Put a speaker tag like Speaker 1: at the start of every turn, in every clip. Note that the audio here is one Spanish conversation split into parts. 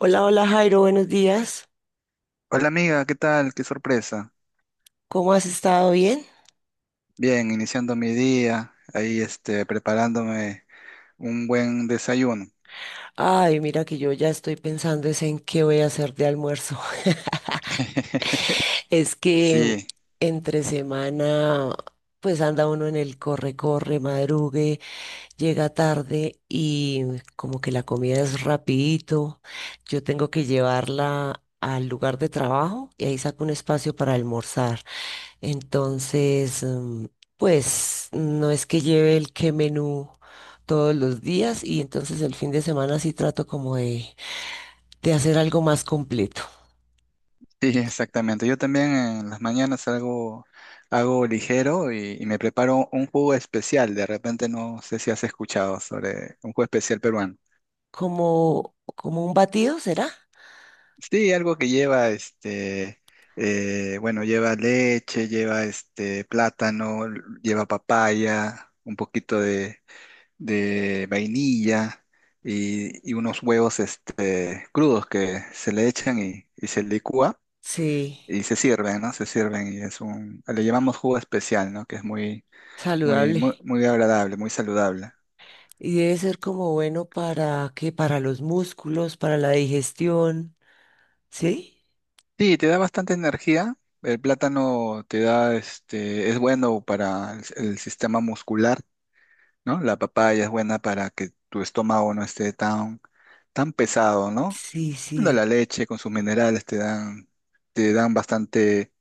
Speaker 1: Hola, hola Jairo, buenos días.
Speaker 2: Hola amiga, ¿qué tal? Qué sorpresa.
Speaker 1: ¿Cómo has estado? ¿Bien?
Speaker 2: Bien, iniciando mi día, ahí preparándome un buen desayuno.
Speaker 1: Ay, mira que yo ya estoy pensando es en qué voy a hacer de almuerzo. Es que
Speaker 2: Sí,
Speaker 1: entre semana, pues anda uno en el corre, corre, madrugue, llega tarde y como que la comida es rapidito. Yo tengo que llevarla al lugar de trabajo y ahí saco un espacio para almorzar. Entonces, pues no es que lleve el qué menú todos los días y entonces el fin de semana sí trato como de hacer algo más completo.
Speaker 2: sí, exactamente. Yo también en las mañanas hago ligero y me preparo un jugo especial. De repente no sé si has escuchado sobre un jugo especial peruano.
Speaker 1: Como un batido, ¿será?
Speaker 2: Sí, algo que lleva bueno, lleva leche, lleva este plátano, lleva papaya, un poquito de vainilla y unos huevos crudos que se le echan y se licúa
Speaker 1: Sí,
Speaker 2: y se sirven, ¿no? Se sirven y es un, le llamamos jugo especial, ¿no? Que es muy, muy,
Speaker 1: saludable.
Speaker 2: muy, muy agradable, muy saludable.
Speaker 1: Y debe ser como bueno para que para los músculos, para la digestión, ¿sí?
Speaker 2: Sí, te da bastante energía. El plátano te da, es bueno para el sistema muscular, ¿no? La papaya es buena para que tu estómago no esté tan, tan pesado, ¿no?
Speaker 1: Sí,
Speaker 2: Bueno,
Speaker 1: sí.
Speaker 2: la leche con sus minerales te dan bastante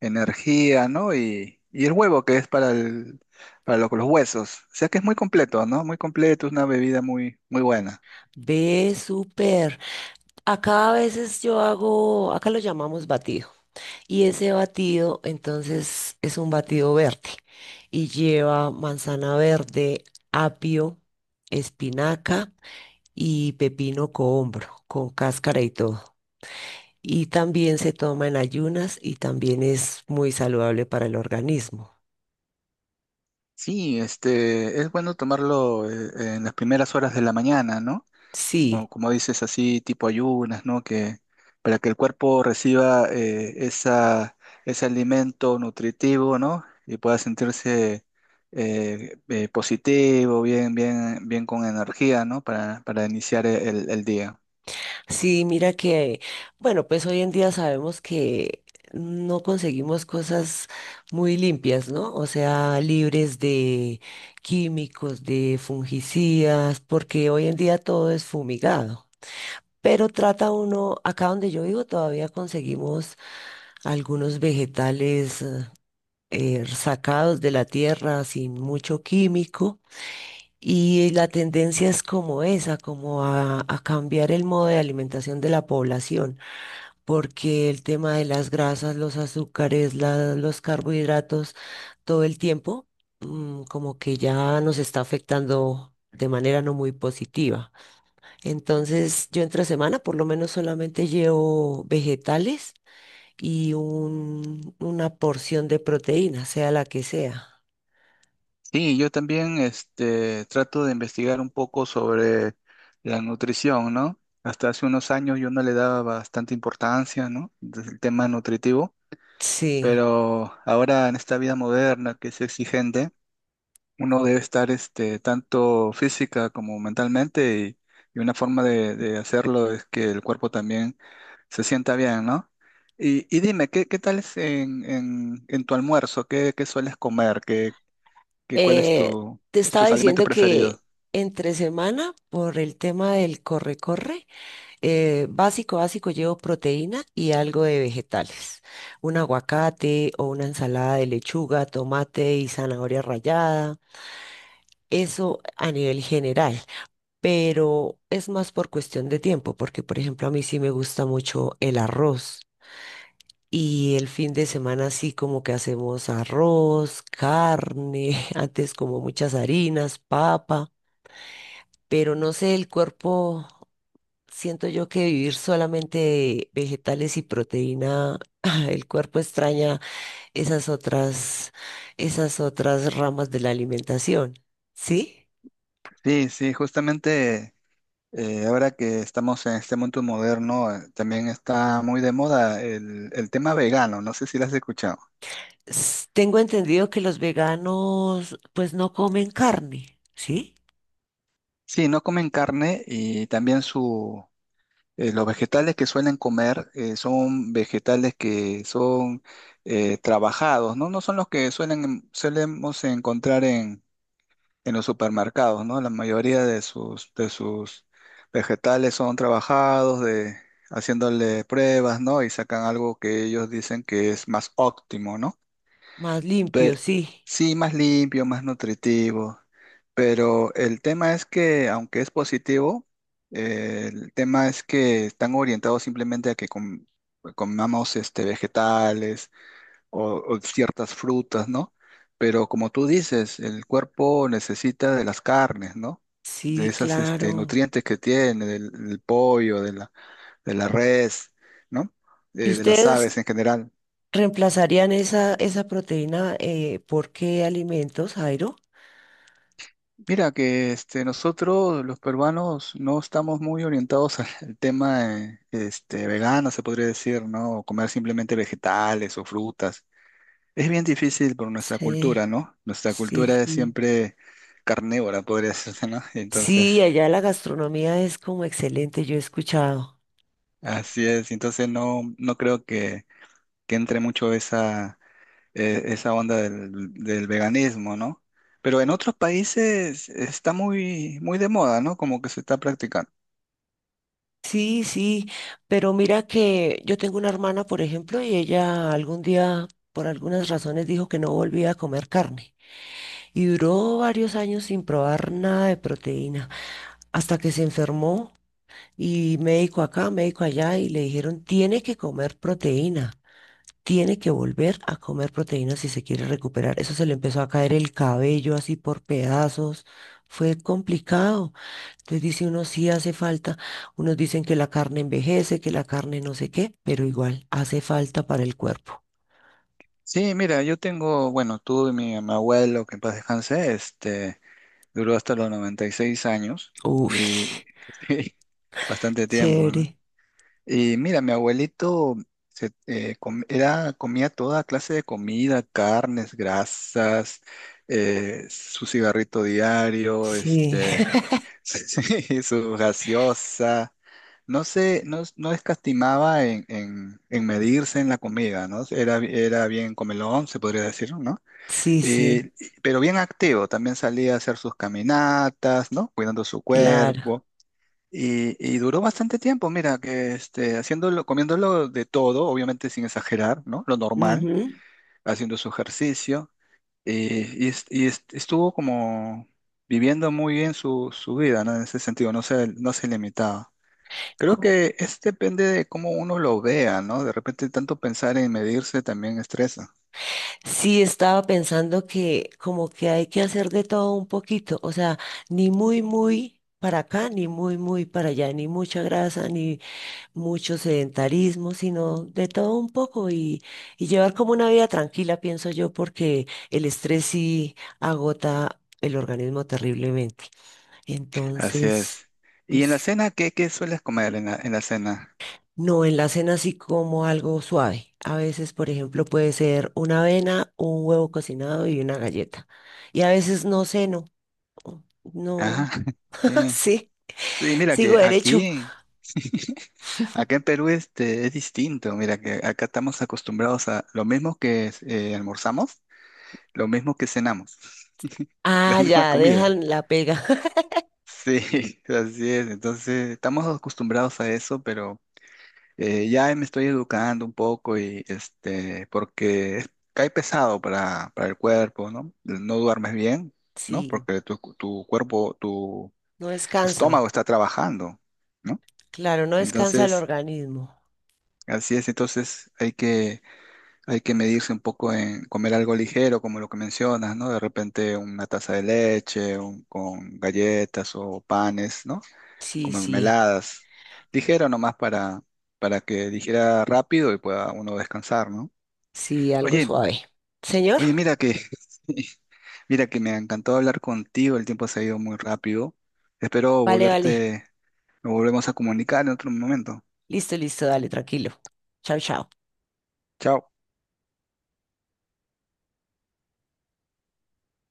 Speaker 2: energía, ¿no? Y el huevo que es para el, para los huesos. O sea que es muy completo, ¿no? Muy completo, es una bebida muy, muy buena.
Speaker 1: Ve súper. Acá a veces yo hago, acá lo llamamos batido. Y ese batido, entonces, es un batido verde y lleva manzana verde, apio, espinaca y pepino cohombro con cáscara y todo. Y también se toma en ayunas y también es muy saludable para el organismo.
Speaker 2: Sí, es bueno tomarlo en las primeras horas de la mañana, ¿no? O
Speaker 1: Sí.
Speaker 2: como dices así, tipo ayunas, ¿no? Que para que el cuerpo reciba esa, ese alimento nutritivo, ¿no? Y pueda sentirse positivo, bien con energía, ¿no? Para iniciar el día.
Speaker 1: Sí, mira que, bueno, pues hoy en día sabemos que no conseguimos cosas muy limpias, ¿no? O sea, libres de químicos, de fungicidas, porque hoy en día todo es fumigado. Pero trata uno, acá donde yo vivo todavía conseguimos algunos vegetales sacados de la tierra sin mucho químico. Y la tendencia es como esa, como a cambiar el modo de alimentación de la población porque el tema de las grasas, los azúcares, los carbohidratos, todo el tiempo, como que ya nos está afectando de manera no muy positiva. Entonces, yo entre semana por lo menos solamente llevo vegetales y una porción de proteína, sea la que sea.
Speaker 2: Sí, yo también trato de investigar un poco sobre la nutrición, ¿no? Hasta hace unos años yo no le daba bastante importancia, ¿no? Desde el tema nutritivo,
Speaker 1: Sí.
Speaker 2: pero ahora en esta vida moderna que es exigente, uno debe estar tanto física como mentalmente y una forma de hacerlo es que el cuerpo también se sienta bien, ¿no? Y dime, ¿qué, qué tal es en tu almuerzo? ¿Qué, qué sueles comer? ¿Qué, qué, cuál es
Speaker 1: Eh,
Speaker 2: tu,
Speaker 1: Te estaba
Speaker 2: tus alimentos
Speaker 1: diciendo
Speaker 2: preferidos?
Speaker 1: que entre semana, por el tema del corre-corre, básico, básico, llevo proteína y algo de vegetales. Un aguacate o una ensalada de lechuga, tomate y zanahoria rallada. Eso a nivel general, pero es más por cuestión de tiempo, porque por ejemplo a mí sí me gusta mucho el arroz y el fin de semana sí como que hacemos arroz, carne, antes como muchas harinas, papa, pero no sé, el cuerpo. Siento yo que vivir solamente de vegetales y proteína, el cuerpo extraña esas otras, esas otras ramas de la alimentación, ¿sí?
Speaker 2: Sí, justamente ahora que estamos en este mundo moderno, también está muy de moda el tema vegano, no sé si lo has escuchado.
Speaker 1: Tengo entendido que los veganos pues no comen carne, ¿sí?
Speaker 2: Sí, no comen carne y también su, eh, los vegetales que suelen comer son vegetales que son trabajados, ¿no? No son los que solemos encontrar en los supermercados, ¿no? La mayoría de de sus vegetales son trabajados, de, haciéndole pruebas, ¿no? Y sacan algo que ellos dicen que es más óptimo, ¿no?
Speaker 1: Más limpio,
Speaker 2: Pe-
Speaker 1: sí.
Speaker 2: sí, más limpio, más nutritivo, pero el tema es que, aunque es positivo, el tema es que están orientados simplemente a que comamos vegetales o ciertas frutas, ¿no? Pero como tú dices, el cuerpo necesita de las carnes, ¿no?
Speaker 1: Sí,
Speaker 2: De esas
Speaker 1: claro.
Speaker 2: nutrientes que tiene, del, del pollo, de la res, ¿no?
Speaker 1: ¿Y
Speaker 2: De las
Speaker 1: ustedes
Speaker 2: aves en general.
Speaker 1: reemplazarían esa, esa proteína por qué alimentos, Jairo?
Speaker 2: Mira que nosotros los peruanos no estamos muy orientados al tema vegano, se podría decir, ¿no? O comer simplemente vegetales o frutas. Es bien difícil por nuestra cultura,
Speaker 1: Sí,
Speaker 2: ¿no? Nuestra
Speaker 1: sí,
Speaker 2: cultura es
Speaker 1: sí.
Speaker 2: siempre carnívora, podría decirse, ¿no? Entonces,
Speaker 1: Sí, allá la gastronomía es como excelente, yo he escuchado.
Speaker 2: así es. Entonces no, no creo que entre mucho esa, esa onda del, del veganismo, ¿no? Pero en otros países está muy, muy de moda, ¿no? Como que se está practicando.
Speaker 1: Sí, sí, pero mira que yo tengo una hermana, por ejemplo, y ella algún día, por algunas razones, dijo que no volvía a comer carne y duró varios años sin probar nada de proteína, hasta que se enfermó y médico acá, médico allá, y le dijeron, tiene que comer proteína, tiene que volver a comer proteína si se quiere recuperar. Eso se le empezó a caer el cabello así por pedazos, fue complicado. Entonces dice uno, sí hace falta. Unos dicen que la carne envejece, que la carne no sé qué, pero igual hace falta para el cuerpo.
Speaker 2: Sí, mira, yo tengo, bueno, tuve mi, mi abuelo, que en paz descanse, duró hasta los 96 años y
Speaker 1: Uf,
Speaker 2: sí, bastante tiempo, ¿no?
Speaker 1: chévere.
Speaker 2: Y mira, mi abuelito comía toda clase de comida, carnes, grasas, su cigarrito diario,
Speaker 1: Sí,
Speaker 2: Sí, su gaseosa. No sé, no, no escatimaba en medirse en la comida, ¿no? Era bien comelón, se podría decir, ¿no?
Speaker 1: sí, sí,
Speaker 2: Eh, pero bien activo, también salía a hacer sus caminatas, ¿no? Cuidando su
Speaker 1: claro.
Speaker 2: cuerpo. Y duró bastante tiempo, mira, que haciéndolo, comiéndolo de todo, obviamente sin exagerar, ¿no? Lo normal,
Speaker 1: Ujú.
Speaker 2: haciendo su ejercicio y, estuvo como viviendo muy bien su, su vida, ¿no? En ese sentido, no se limitaba. Creo
Speaker 1: Como.
Speaker 2: que es depende de cómo uno lo vea, ¿no? De repente tanto pensar en medirse también estresa.
Speaker 1: Sí, estaba pensando que como que hay que hacer de todo un poquito, o sea, ni muy, muy para acá, ni muy, muy para allá, ni mucha grasa, ni mucho sedentarismo, sino de todo un poco y llevar como una vida tranquila, pienso yo, porque el estrés sí agota el organismo terriblemente.
Speaker 2: Así
Speaker 1: Entonces,
Speaker 2: es. ¿Y en la
Speaker 1: pues
Speaker 2: cena qué, qué sueles comer en la cena?
Speaker 1: no, en la cena sí como algo suave. A veces, por ejemplo, puede ser una avena, un huevo cocinado y una galleta. Y a veces no ceno. No,
Speaker 2: Ajá, sí.
Speaker 1: sí,
Speaker 2: Sí, mira
Speaker 1: sigo
Speaker 2: que
Speaker 1: derecho.
Speaker 2: aquí, acá en Perú es distinto. Mira que acá estamos acostumbrados a lo mismo que almorzamos, lo mismo que cenamos, la
Speaker 1: Ah,
Speaker 2: misma
Speaker 1: ya,
Speaker 2: comida.
Speaker 1: dejan la pega.
Speaker 2: Sí, así es. Entonces, estamos acostumbrados a eso, pero ya me estoy educando un poco y cae pesado para el cuerpo, ¿no? No duermes bien, ¿no?
Speaker 1: Sí,
Speaker 2: Porque tu cuerpo, tu
Speaker 1: no descansa.
Speaker 2: estómago está trabajando, ¿no?
Speaker 1: Claro, no descansa el
Speaker 2: Entonces,
Speaker 1: organismo.
Speaker 2: así es. Entonces, hay que medirse un poco en comer algo ligero, como lo que mencionas, ¿no? De repente una taza de leche, con galletas o panes, ¿no?
Speaker 1: Sí,
Speaker 2: Como
Speaker 1: sí,
Speaker 2: mermeladas. Ligero nomás para que dijera rápido y pueda uno descansar, ¿no?
Speaker 1: sí, algo
Speaker 2: Oye,
Speaker 1: suave. Señor,
Speaker 2: oye, mira que, mira que me encantó hablar contigo, el tiempo se ha ido muy rápido. Espero
Speaker 1: vale, vale.
Speaker 2: volverte, nos volvemos a comunicar en otro momento.
Speaker 1: Listo, listo, dale, tranquilo. Chao, chao.
Speaker 2: Chao.